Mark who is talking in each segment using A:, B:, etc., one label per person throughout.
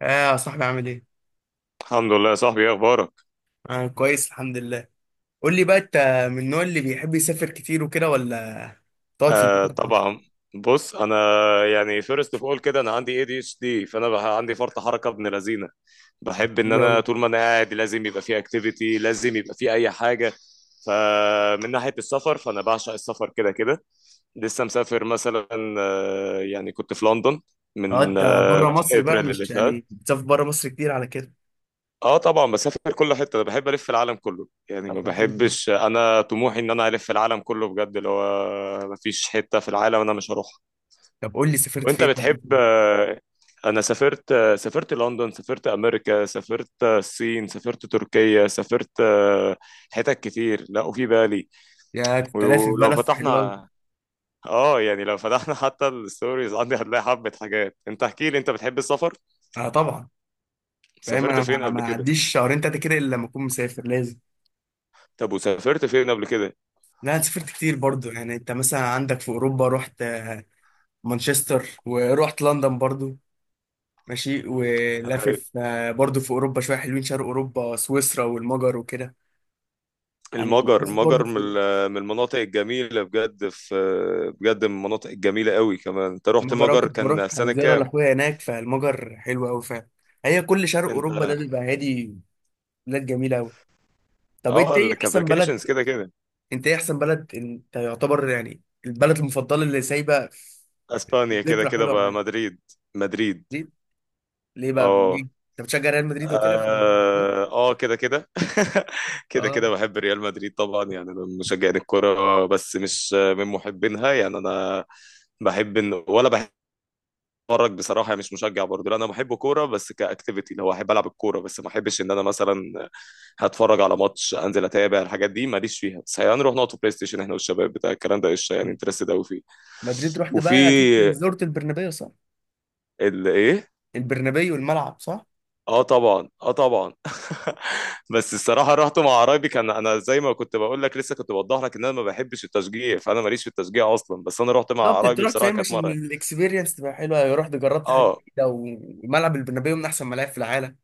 A: اه، يا صاحبي عامل ايه؟
B: الحمد لله يا صاحبي ايه اخبارك؟
A: انا كويس الحمد لله. قول لي بقى، انت من النوع اللي بيحب يسافر كتير وكده، ولا تقعد في البيت
B: آه
A: أكتر؟
B: طبعا. بص انا فيرست اوف اول كده انا عندي اي دي اتش دي. عندي فرط حركه ابن لذينه.
A: طب ده
B: بحب ان
A: حلو
B: انا
A: قوي.
B: طول ما انا قاعد لازم يبقى في اكتيفيتي، لازم يبقى في اي حاجه. فمن ناحيه السفر فانا بعشق السفر كده كده. لسه مسافر مثلا، يعني كنت في لندن من
A: قعدت بره مصر بقى؟
B: ابريل اللي
A: مش
B: فات.
A: يعني بتسافر بره مصر كتير على كده؟
B: اه طبعا بسافر كل حته، انا بحب الف العالم كله، يعني
A: طب
B: ما
A: ده حلو قوي.
B: بحبش، انا طموحي ان انا الف العالم كله بجد، اللي هو ما فيش حته في العالم انا مش هروحها.
A: طب قول لي سافرت
B: وانت
A: فين بقى.
B: بتحب؟ انا سافرت، سافرت لندن، سافرت امريكا، سافرت الصين، سافرت تركيا، سافرت حتت كتير. لا وفي بالي.
A: يا، كنت لافف
B: ولو
A: بلف، حلو قوي.
B: فتحنا، اه يعني لو فتحنا حتى الستوريز عندي هتلاقي حبة حاجات. انت احكي لي، انت بتحب السفر؟
A: اه طبعا. فاهم،
B: سافرت
A: انا
B: فين
A: ما
B: قبل
A: ما
B: كده؟
A: عديش شهرين تلاته كده الا لما اكون مسافر، لازم.
B: طب وسافرت فين قبل كده؟
A: لا، أنا سافرت كتير برضو. يعني انت مثلا عندك في اوروبا، رحت مانشستر، ورحت لندن برضو. ماشي، ولافف برضو في اوروبا شويه حلوين، شرق اوروبا، سويسرا والمجر وكده. يعني
B: المجر،
A: لافف برضو في أوروبا.
B: من المناطق الجميلة بجد، في بجد من المناطق الجميلة قوي. كمان انت رحت
A: المجر أنا
B: مجر،
A: كنت
B: كان في
A: بروح
B: سنة
A: زياره
B: كام؟
A: لاخويا هناك، فالمجر حلو قوي فعلا. هي كل شرق
B: انت.
A: اوروبا ده بيبقى هادي، بلاد جميله قوي. طب انت
B: اه
A: ايه
B: اللي كان
A: احسن بلد
B: فاكيشنز كده كده.
A: انت ايه احسن بلد انت يعتبر، يعني البلد المفضله اللي سايبه
B: اسبانيا كده
A: ذكرى
B: كده
A: حلوه
B: بقى،
A: معاك؟
B: مدريد. مدريد.
A: مدريد. ليه بقى، ليه
B: اه.
A: انت بتشجع ريال مدريد وكده؟ في
B: اه. كده كده كده
A: اه
B: كده. بحب ريال مدريد طبعا. يعني انا من مشجعين الكرة بس مش من محبينها. يعني انا بحب ان ولا بحب اتفرج بصراحه، يعني مش مشجع برضه. لا انا بحب كوره بس كاكتيفيتي، اللي هو احب العب الكوره بس ما احبش ان انا مثلا هتفرج على ماتش، انزل اتابع الحاجات دي، ماليش فيها. بس هنروح نقعد بلاي ستيشن احنا والشباب بتاع الكلام ده قشطه، يعني انترستد قوي فيه.
A: مدريد، رحت بقى اكيد
B: وفي
A: زرت البرنابيو صح؟
B: ال ايه.
A: البرنابيو، الملعب صح؟
B: اه طبعا اه طبعا. بس الصراحه رحت مع قرايبي. كان انا زي ما كنت بقول لك لسه، كنت بوضح لك ان انا ما بحبش التشجيع، فانا ماليش في التشجيع اصلا، بس انا رحت مع
A: بالظبط، انت
B: قرايبي
A: رحت
B: بصراحه
A: فاهم
B: كانت
A: عشان
B: مره.
A: الاكسبيرينس تبقى حلوه، رحت جربت حاجه
B: اه
A: جديده، وملعب البرنابيو من احسن ملاعب في العالم.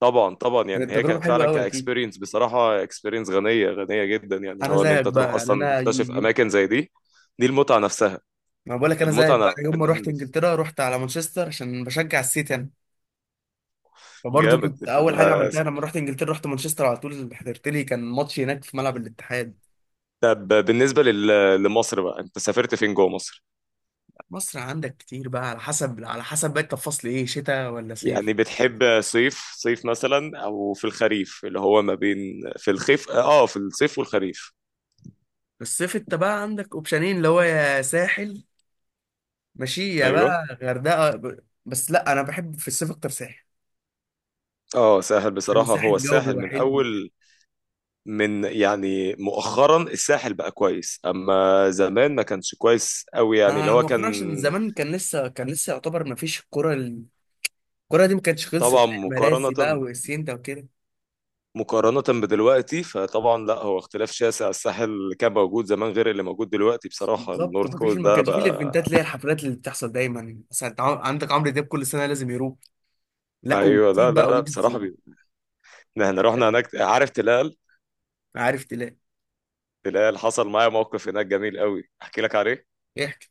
B: طبعا طبعا. يعني
A: كانت
B: هي
A: تجربه
B: كانت
A: حلوه
B: فعلا
A: قوي اكيد.
B: كاكسبيرينس بصراحه، اكسبيرينس غنيه غنيه جدا، يعني اللي
A: انا
B: هو ان
A: زيك
B: انت تروح
A: بقى، يعني
B: اصلا
A: انا
B: تكتشف اماكن زي دي. دي المتعه نفسها.
A: ما بقول لك انا زيك
B: المتعه
A: بقى.
B: نفسها،
A: يوم
B: ان
A: ما
B: احنا.
A: رحت انجلترا، رحت على مانشستر عشان بشجع السيتي انا. فبرضه
B: جامد.
A: كنت اول حاجه عملتها لما رحت انجلترا، رحت مانشستر على طول، حضرت لي كان ماتش هناك في ملعب الاتحاد.
B: طب بالنسبه لمصر بقى، انت سافرت فين جوه مصر؟
A: مصر عندك كتير بقى، على حسب، على حسب بقى انت في فصل ايه، شتاء ولا صيف؟
B: يعني بتحب صيف، صيف مثلا، او في الخريف اللي هو ما بين. في الخيف، اه في الصيف والخريف.
A: في الصيف انت بقى عندك اوبشنين، اللي هو يا ساحل، ماشية
B: ايوه.
A: بقى غردقة. بس لا، أنا بحب في الصيف أكتر ساحل.
B: اه ساحل
A: لأن
B: بصراحه.
A: الساحل
B: هو
A: الجو
B: الساحل
A: بيبقى
B: من
A: حلو.
B: اول، من يعني مؤخرا الساحل بقى كويس، اما زمان ما كانش كويس قوي، يعني اللي
A: آه،
B: هو كان.
A: مؤخرا، عشان زمان كان لسه يعتبر ما فيش الكرة. الكرة دي ما كانتش
B: طبعا
A: خلصت، مراسي بقى
B: مقارنة،
A: وإسينتا وكده.
B: مقارنة بدلوقتي فطبعا لا، هو اختلاف شاسع. الساحل اللي كان موجود زمان غير اللي موجود دلوقتي بصراحة،
A: بالظبط،
B: النورث كوست
A: ما
B: ده
A: كانش فيه
B: بقى.
A: الايفنتات اللي هي الحفلات اللي بتحصل دايما، مثلا أنت عندك عمرو دياب كل سنة لازم يروح. لا،
B: ايوه.
A: وكتير
B: لا لا
A: بقى،
B: لا
A: ويجز
B: بصراحة
A: و-
B: بي... احنا رحنا هناك، عارف تلال؟
A: عارف تلاقي.
B: تلال حصل معايا موقف هناك جميل قوي احكي لك عليه.
A: احكي.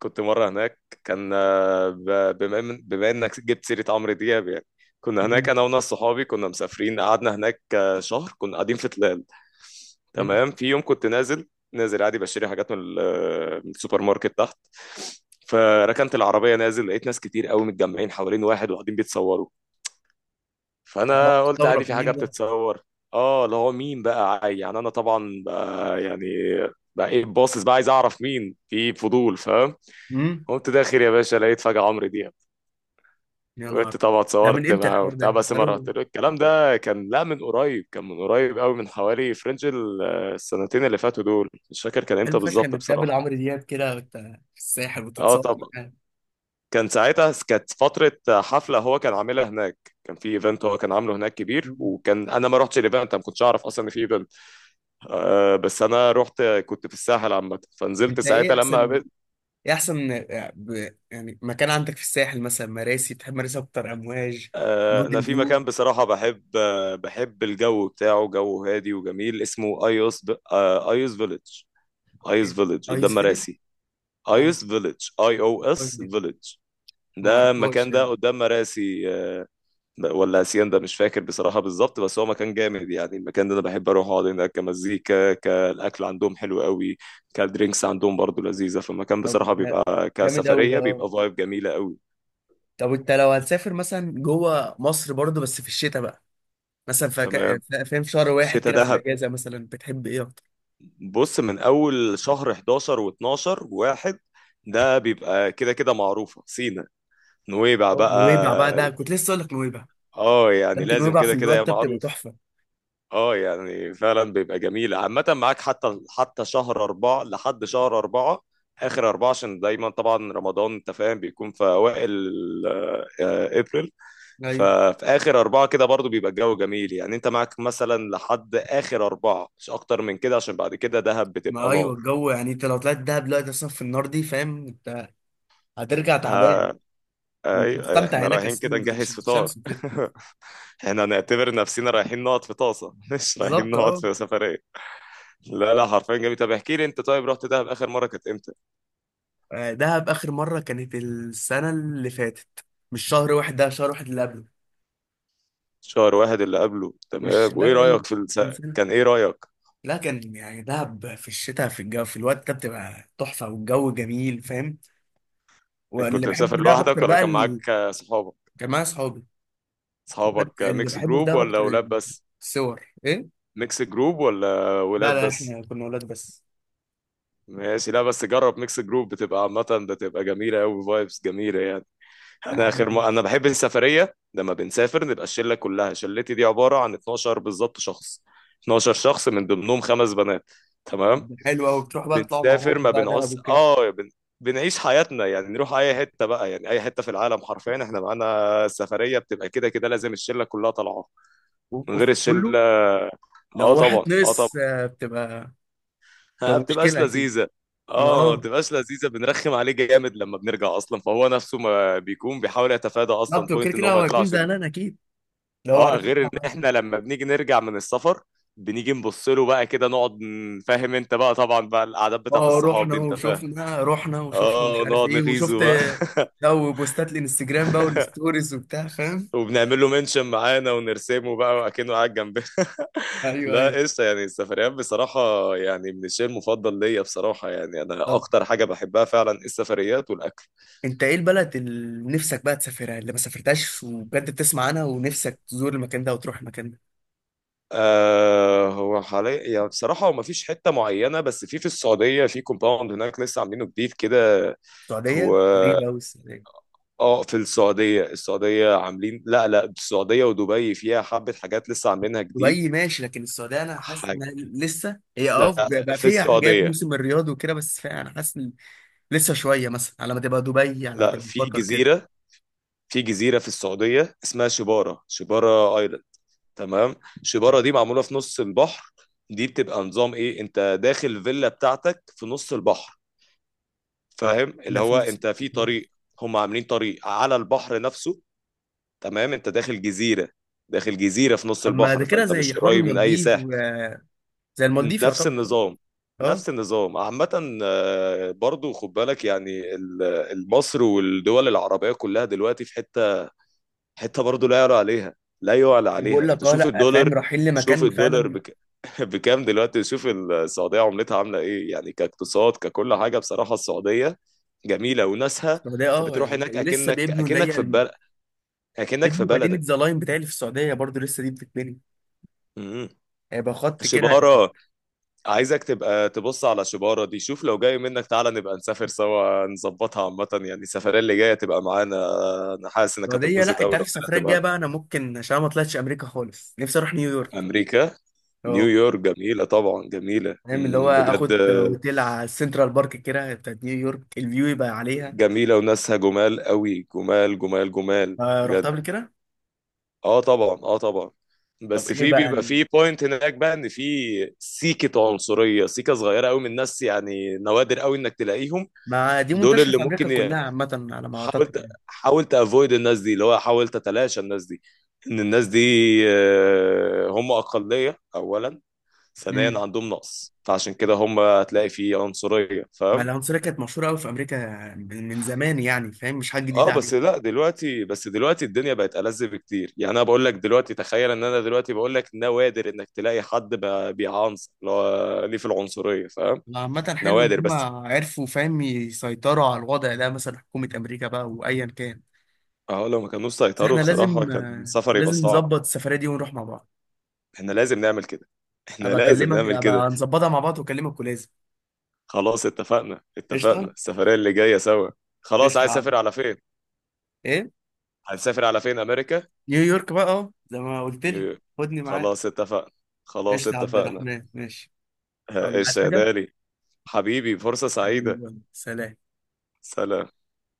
B: كنت مرة هناك، كان بما بما انك جبت سيرة عمرو دياب يعني، كنا هناك
A: مم.
B: انا وناس صحابي كنا مسافرين، قعدنا هناك شهر كنا قاعدين في تلال.
A: حلو.
B: تمام. في يوم كنت نازل، نازل عادي بشتري حاجات من من السوبر ماركت تحت. فركنت العربية نازل، لقيت ناس كتير قوي متجمعين حوالين واحد وقاعدين بيتصوروا.
A: طب
B: فانا قلت عادي
A: تستغرب
B: في حاجة
A: مين ده؟
B: بتتصور. اه، اللي هو مين بقى يعني انا طبعا بقى يعني، بقى ايه باصص بقى عايز اعرف مين، في فضول فاهم.
A: مم.
B: قمت داخل يا باشا، لقيت فجأة عمرو دياب.
A: يا نهار.
B: قلت طبعا
A: ده من
B: اتصورت
A: امتى
B: معاه
A: الحوار
B: وبتاع،
A: ده؟
B: بس ما
A: بقاله.
B: رحت له، الكلام ده كان لا من قريب، كان من قريب قوي، من حوالي فرنج ال-. السنتين اللي فاتوا دول مش فاكر كان
A: حلو
B: امتى
A: فشخ
B: بالظبط
A: انك تقابل
B: بصراحة.
A: عمرو دياب كده وانت في الساحل
B: اه
A: وتتصور
B: طبعا.
A: معاه.
B: كان ساعتها كانت فترة حفلة هو كان عاملها هناك، كان في ايفنت هو كان عامله هناك كبير،
A: مم.
B: وكان انا ما رحتش الايفنت، ما كنتش اعرف اصلا ان في ايفنت. آه بس انا رحت، كنت في الساحل عامة، فنزلت
A: انت ايه
B: ساعتها
A: احسن
B: لما.
A: ايه احسن آه، ب- يعني مكان عندك في الساحل، مثلا مراسي، بتحب مراسي اكتر، امواج،
B: انا
A: موديل
B: في
A: فيو؟
B: مكان بصراحه بحب، بحب الجو بتاعه، جو هادي وجميل، اسمه ايوس ب... آه، ايوس فيليج.
A: ايه
B: ايوس
A: ده،
B: فيليج قدام
A: ايس فيلم؟
B: مراسي.
A: لا، ما
B: ايوس فيليج، اي او
A: اعرفهاش
B: اس
A: دي.
B: فيليج.
A: ما
B: ده
A: اعرفهاش
B: المكان ده
A: يعني.
B: قدام مراسي، ولا اسيان ده مش فاكر بصراحه بالظبط. بس هو مكان جامد يعني، المكان ده انا بحب اروح اقعد هناك، كمزيكا، كالاكل عندهم حلو قوي، كالدرينكس عندهم برضو لذيذه. فالمكان
A: طب
B: بصراحه
A: ده
B: بيبقى
A: جامد قوي ده،
B: كسفريه،
A: اه.
B: بيبقى فايب جميله قوي.
A: طب انت لو هتسافر مثلا جوه مصر برضه، بس في الشتاء بقى، مثلا
B: تمام.
A: فاهم، شهر واحد
B: الشتاء
A: كده في
B: ده،
A: الاجازه، مثلا بتحب ايه اكتر؟
B: بص من اول شهر 11 و12 واحد، ده بيبقى كده كده معروفه سينا، نويبع
A: أو نويبع بقى، ده
B: بقى.
A: كنت لسه اقول لك نويبع.
B: اه يعني
A: انت
B: لازم
A: نويبع في
B: كده كده
A: الوقت
B: يا
A: ده بتبقى
B: معروف.
A: تحفه.
B: اه يعني فعلا بيبقى جميل عامه. معاك حتى حتى شهر اربعه، لحد شهر اربعه، اخر اربعه، عشان دايما طبعا رمضان انت فاهم بيكون في اوائل ابريل.
A: ايوه.
B: ففي اخر اربعه كده برضو بيبقى الجو جميل. يعني انت معاك مثلا لحد اخر اربعه، مش اكتر من كده، عشان بعد كده دهب بتبقى
A: ما ايوه الجو، يعني انت لو طلعت دهب دلوقتي اصلا في النار دي، فاهم انت، هترجع تعبان،
B: نار.
A: ومش
B: ايوه
A: هتستمتع
B: احنا
A: هناك
B: رايحين
A: اساسا
B: كده نجهز فطار
A: بالشمس وكده.
B: احنا هنعتبر نفسنا رايحين نقعد في طاسه مش رايحين
A: بالظبط،
B: نقعد
A: اه.
B: في سفريه. لا لا حرفيا جميل. طب احكي لي انت، طيب رحت دهب اخر مره كانت امتى؟
A: دهب اخر مره كانت السنه اللي فاتت. مش شهر واحد ده، شهر واحد اللي قبله.
B: شهر واحد اللي قبله.
A: مش،
B: تمام.
A: لا
B: وايه
A: ال-
B: رايك في الس...؟
A: من سنه.
B: كان ايه رايك؟
A: لا كان، يعني دهب في الشتاء في الجو في الوقت ده بتبقى تحفه والجو جميل فاهم. واللي
B: كنت
A: بحبه في
B: مسافر
A: دهب
B: لوحدك
A: اكتر
B: ولا
A: بقى
B: كان معاك
A: ال...
B: صحابك؟
A: كان معايا اصحابي. وكانت
B: صحابك،
A: اللي
B: ميكس
A: بحبه في
B: جروب
A: دهب
B: ولا
A: اكتر
B: ولاد بس؟
A: الصور، ايه.
B: ميكس جروب ولا
A: لا
B: ولاد
A: لا،
B: بس؟
A: احنا كنا اولاد
B: ماشي. لا بس جرب ميكس جروب بتبقى عامه، بتبقى جميله قوي، فايبس جميله يعني. انا
A: بس.
B: اخر ما انا بحب السفريه لما بنسافر نبقى الشله كلها. شلتي دي عباره عن 12 بالظبط شخص، 12 شخص من ضمنهم خمس بنات.
A: طب
B: تمام.
A: ده حلو قوي، بتروح بقى تطلعوا مع
B: بنسافر،
A: بعض
B: ما
A: بقى دهب
B: بنعوز،
A: وكده.
B: بنعيش حياتنا، يعني نروح اي حته بقى، يعني اي حته في العالم حرفيا احنا معانا. السفريه بتبقى كده كده لازم الشله كلها طالعه. من غير
A: اوف، كله.
B: الشله. اه
A: لو
B: طبعا
A: واحد
B: اه طبعا.
A: نقص بتبقى
B: ما
A: بتبقى
B: بتبقاش
A: مشكله اكيد.
B: لذيذه. اه ما
A: اه،
B: بتبقاش لذيذه. بنرخم عليه جامد لما بنرجع اصلا، فهو نفسه ما بيكون بيحاول يتفادى اصلا
A: بالظبط، وكده
B: بوينت ان
A: كده
B: هو ما
A: هو هيكون
B: يطلعش.
A: زعلان اكيد لو
B: اه،
A: عارف.
B: غير ان احنا لما بنيجي نرجع من السفر، بنيجي نبص له بقى كده نقعد فاهم انت بقى طبعا بقى القعدات بتاعت
A: اه،
B: الصحاب
A: رحنا
B: دي انت فاهم.
A: وشفنا، رحنا وشفنا ومش
B: اه
A: عارف
B: نقعد
A: ايه وشفت،
B: نغيظه بقى
A: ده وبوستات الانستجرام بقى والستوريز وبتاع، فاهم.
B: وبنعمل له منشن معانا ونرسمه بقى وأكنه قاعد جنبنا
A: ايوه
B: لا
A: ايوه.
B: قشطة. يعني السفريات بصراحة يعني من الشيء المفضل ليا بصراحة، يعني أنا
A: طب
B: أكتر حاجة بحبها فعلا السفريات والأكل.
A: انت ايه البلد اللي نفسك بقى تسافرها، اللي ما سافرتهاش وبجد بتسمع عنها ونفسك تزور المكان ده وتروح المكان ده؟
B: آه هو حاليا يعني بصراحة هو مفيش حتة معينة، بس في السعودية في كومباوند هناك لسه عاملينه جديد كده.
A: السعوديه
B: هو.
A: غريبه قوي.
B: اه في السعودية، السعودية عاملين، لا لا السعودية ودبي فيها حبة حاجات لسه عاملينها جديد.
A: دبي ماشي، لكن السعوديه انا حاسس ان
B: حاجة.
A: لسه هي،
B: لا
A: بقى
B: في
A: فيها حاجات،
B: السعودية،
A: موسم الرياض وكده، بس فيها انا حاسس ان لسه شويه، مثلا على ما تبقى دبي، على ما
B: لا
A: تبقى
B: في
A: قطر كده.
B: جزيرة، في جزيرة في السعودية اسمها شبارة، شبارة ايلاند. تمام.
A: يعني
B: شبارة دي معمولة في نص البحر. دي بتبقى نظام ايه، انت داخل فيلا بتاعتك في نص البحر، فاهم، اللي
A: احنا في
B: هو
A: نص
B: انت في
A: آه.
B: طريق، هم عاملين طريق على البحر نفسه. تمام. انت داخل جزيرة، داخل جزيرة في نص
A: طب ما ده
B: البحر،
A: كده
B: فانت
A: زي
B: مش
A: حوار
B: قريب من اي
A: المالديف
B: ساحل.
A: و- زي المالديف
B: نفس
A: يعتبر.
B: النظام.
A: اه.
B: نفس النظام عامة. برضو خد بالك يعني المصر والدول العربية كلها دلوقتي في حتة، حتة برضو لا يعلى عليها، لا يعلى
A: بقول
B: عليها. انت
A: لك، اه
B: شوف
A: لا،
B: الدولار،
A: فاهم، رايحين
B: شوف
A: لمكان
B: الدولار
A: فعلا.
B: بك... بكام دلوقتي. شوف السعودية عملتها عاملة ايه يعني كاقتصاد، ككل حاجة بصراحة السعودية جميلة وناسها.
A: السعوديه،
B: انت
A: اه.
B: بتروح هناك
A: ولسه
B: اكنك،
A: بيبنوا اللي
B: اكنك
A: هي
B: في
A: ال-
B: بل...، اكنك في
A: بيبنوا مدينه
B: بلدك.
A: زلاين بتاعي في السعوديه برضو، لسه دي بتتبني.
B: مم.
A: هيبقى خط كده، هتبقى
B: شبارة. عايزك تبقى تبص على شبارة دي شوف، لو جاي منك تعالى نبقى نسافر سوا، نظبطها عامة يعني السفرية اللي جاية تبقى معانا. أنا حاسس إنك
A: السعوديه.
B: هتتبسط
A: لا
B: أوي
A: انت
B: لو
A: عارف،
B: طلعت
A: السفريه الجايه
B: معانا.
A: بقى انا ممكن، عشان أنا ما طلعتش امريكا خالص، نفسي اروح نيويورك.
B: أمريكا.
A: اه.
B: نيويورك جميلة طبعا، جميلة،
A: فاهم، اللي هو
B: مم، بجد
A: اخد اوتيل على السنترال بارك كده بتاعت نيويورك، الفيو يبقى عليها.
B: جميلة وناسها، جمال أوي، جمال جمال جمال
A: آه، رحت
B: بجد.
A: قبل كده.
B: اه طبعا اه طبعا.
A: طب
B: بس
A: ايه
B: في
A: بقى،
B: بيبقى
A: يعني.
B: في بوينت هناك بقى ان في سيكة عنصرية، سيكة صغيرة قوي من الناس، يعني نوادر قوي انك تلاقيهم.
A: ما دي
B: دول
A: منتشره
B: اللي
A: في امريكا
B: ممكن،
A: كلها عامه على ما اعتقد
B: حاولت
A: يعني.
B: حاولت افويد الناس دي، اللي هو حاولت اتلاشى الناس دي، ان الناس دي هم اقليه اولا، ثانيا
A: امم.
B: عندهم نقص، فعشان كده هم هتلاقي في عنصريه
A: ما
B: فاهم.
A: العنصريه كانت مشهوره قوي في امريكا من زمان، يعني فاهم، مش حاجه
B: اه
A: جديده عليهم.
B: بس لا دلوقتي، بس دلوقتي الدنيا بقت ألذ بكتير، يعني انا بقول لك دلوقتي تخيل ان انا دلوقتي بقول لك نوادر انك تلاقي حد بيعنصر، اللي هو ليه في العنصريه فاهم.
A: عامة حلو إن
B: نوادر
A: هما
B: بس.
A: عرفوا فاهم يسيطروا على الوضع ده، مثلا حكومة أمريكا بقى وأيا كان.
B: اه لو ما كانوش
A: بس
B: سيطروا
A: إحنا
B: بصراحه
A: لازم،
B: كان السفر يبقى
A: لازم
B: صعب.
A: نظبط السفرية دي ونروح مع بعض.
B: احنا لازم نعمل كده. احنا
A: أبقى
B: لازم
A: أكلمك،
B: نعمل كده.
A: أبقى نظبطها مع بعض وأكلمك، ولازم.
B: خلاص اتفقنا اتفقنا،
A: قشطة.
B: السفرية اللي جاية سوا. خلاص.
A: قشطة
B: عايز
A: يا عم.
B: اسافر على فين؟
A: إيه.
B: هنسافر على فين؟ امريكا،
A: نيويورك بقى، اه زي ما قلت لي.
B: نيويورك.
A: خدني معاك.
B: خلاص اتفقنا. خلاص
A: قشطة يا عبد
B: اتفقنا.
A: الرحمن، ماشي. يلا،
B: ايش
A: عايز
B: يا
A: حاجة؟
B: دالي. حبيبي فرصة
A: حبيبي
B: سعيدة.
A: يلا. سلام.
B: سلام.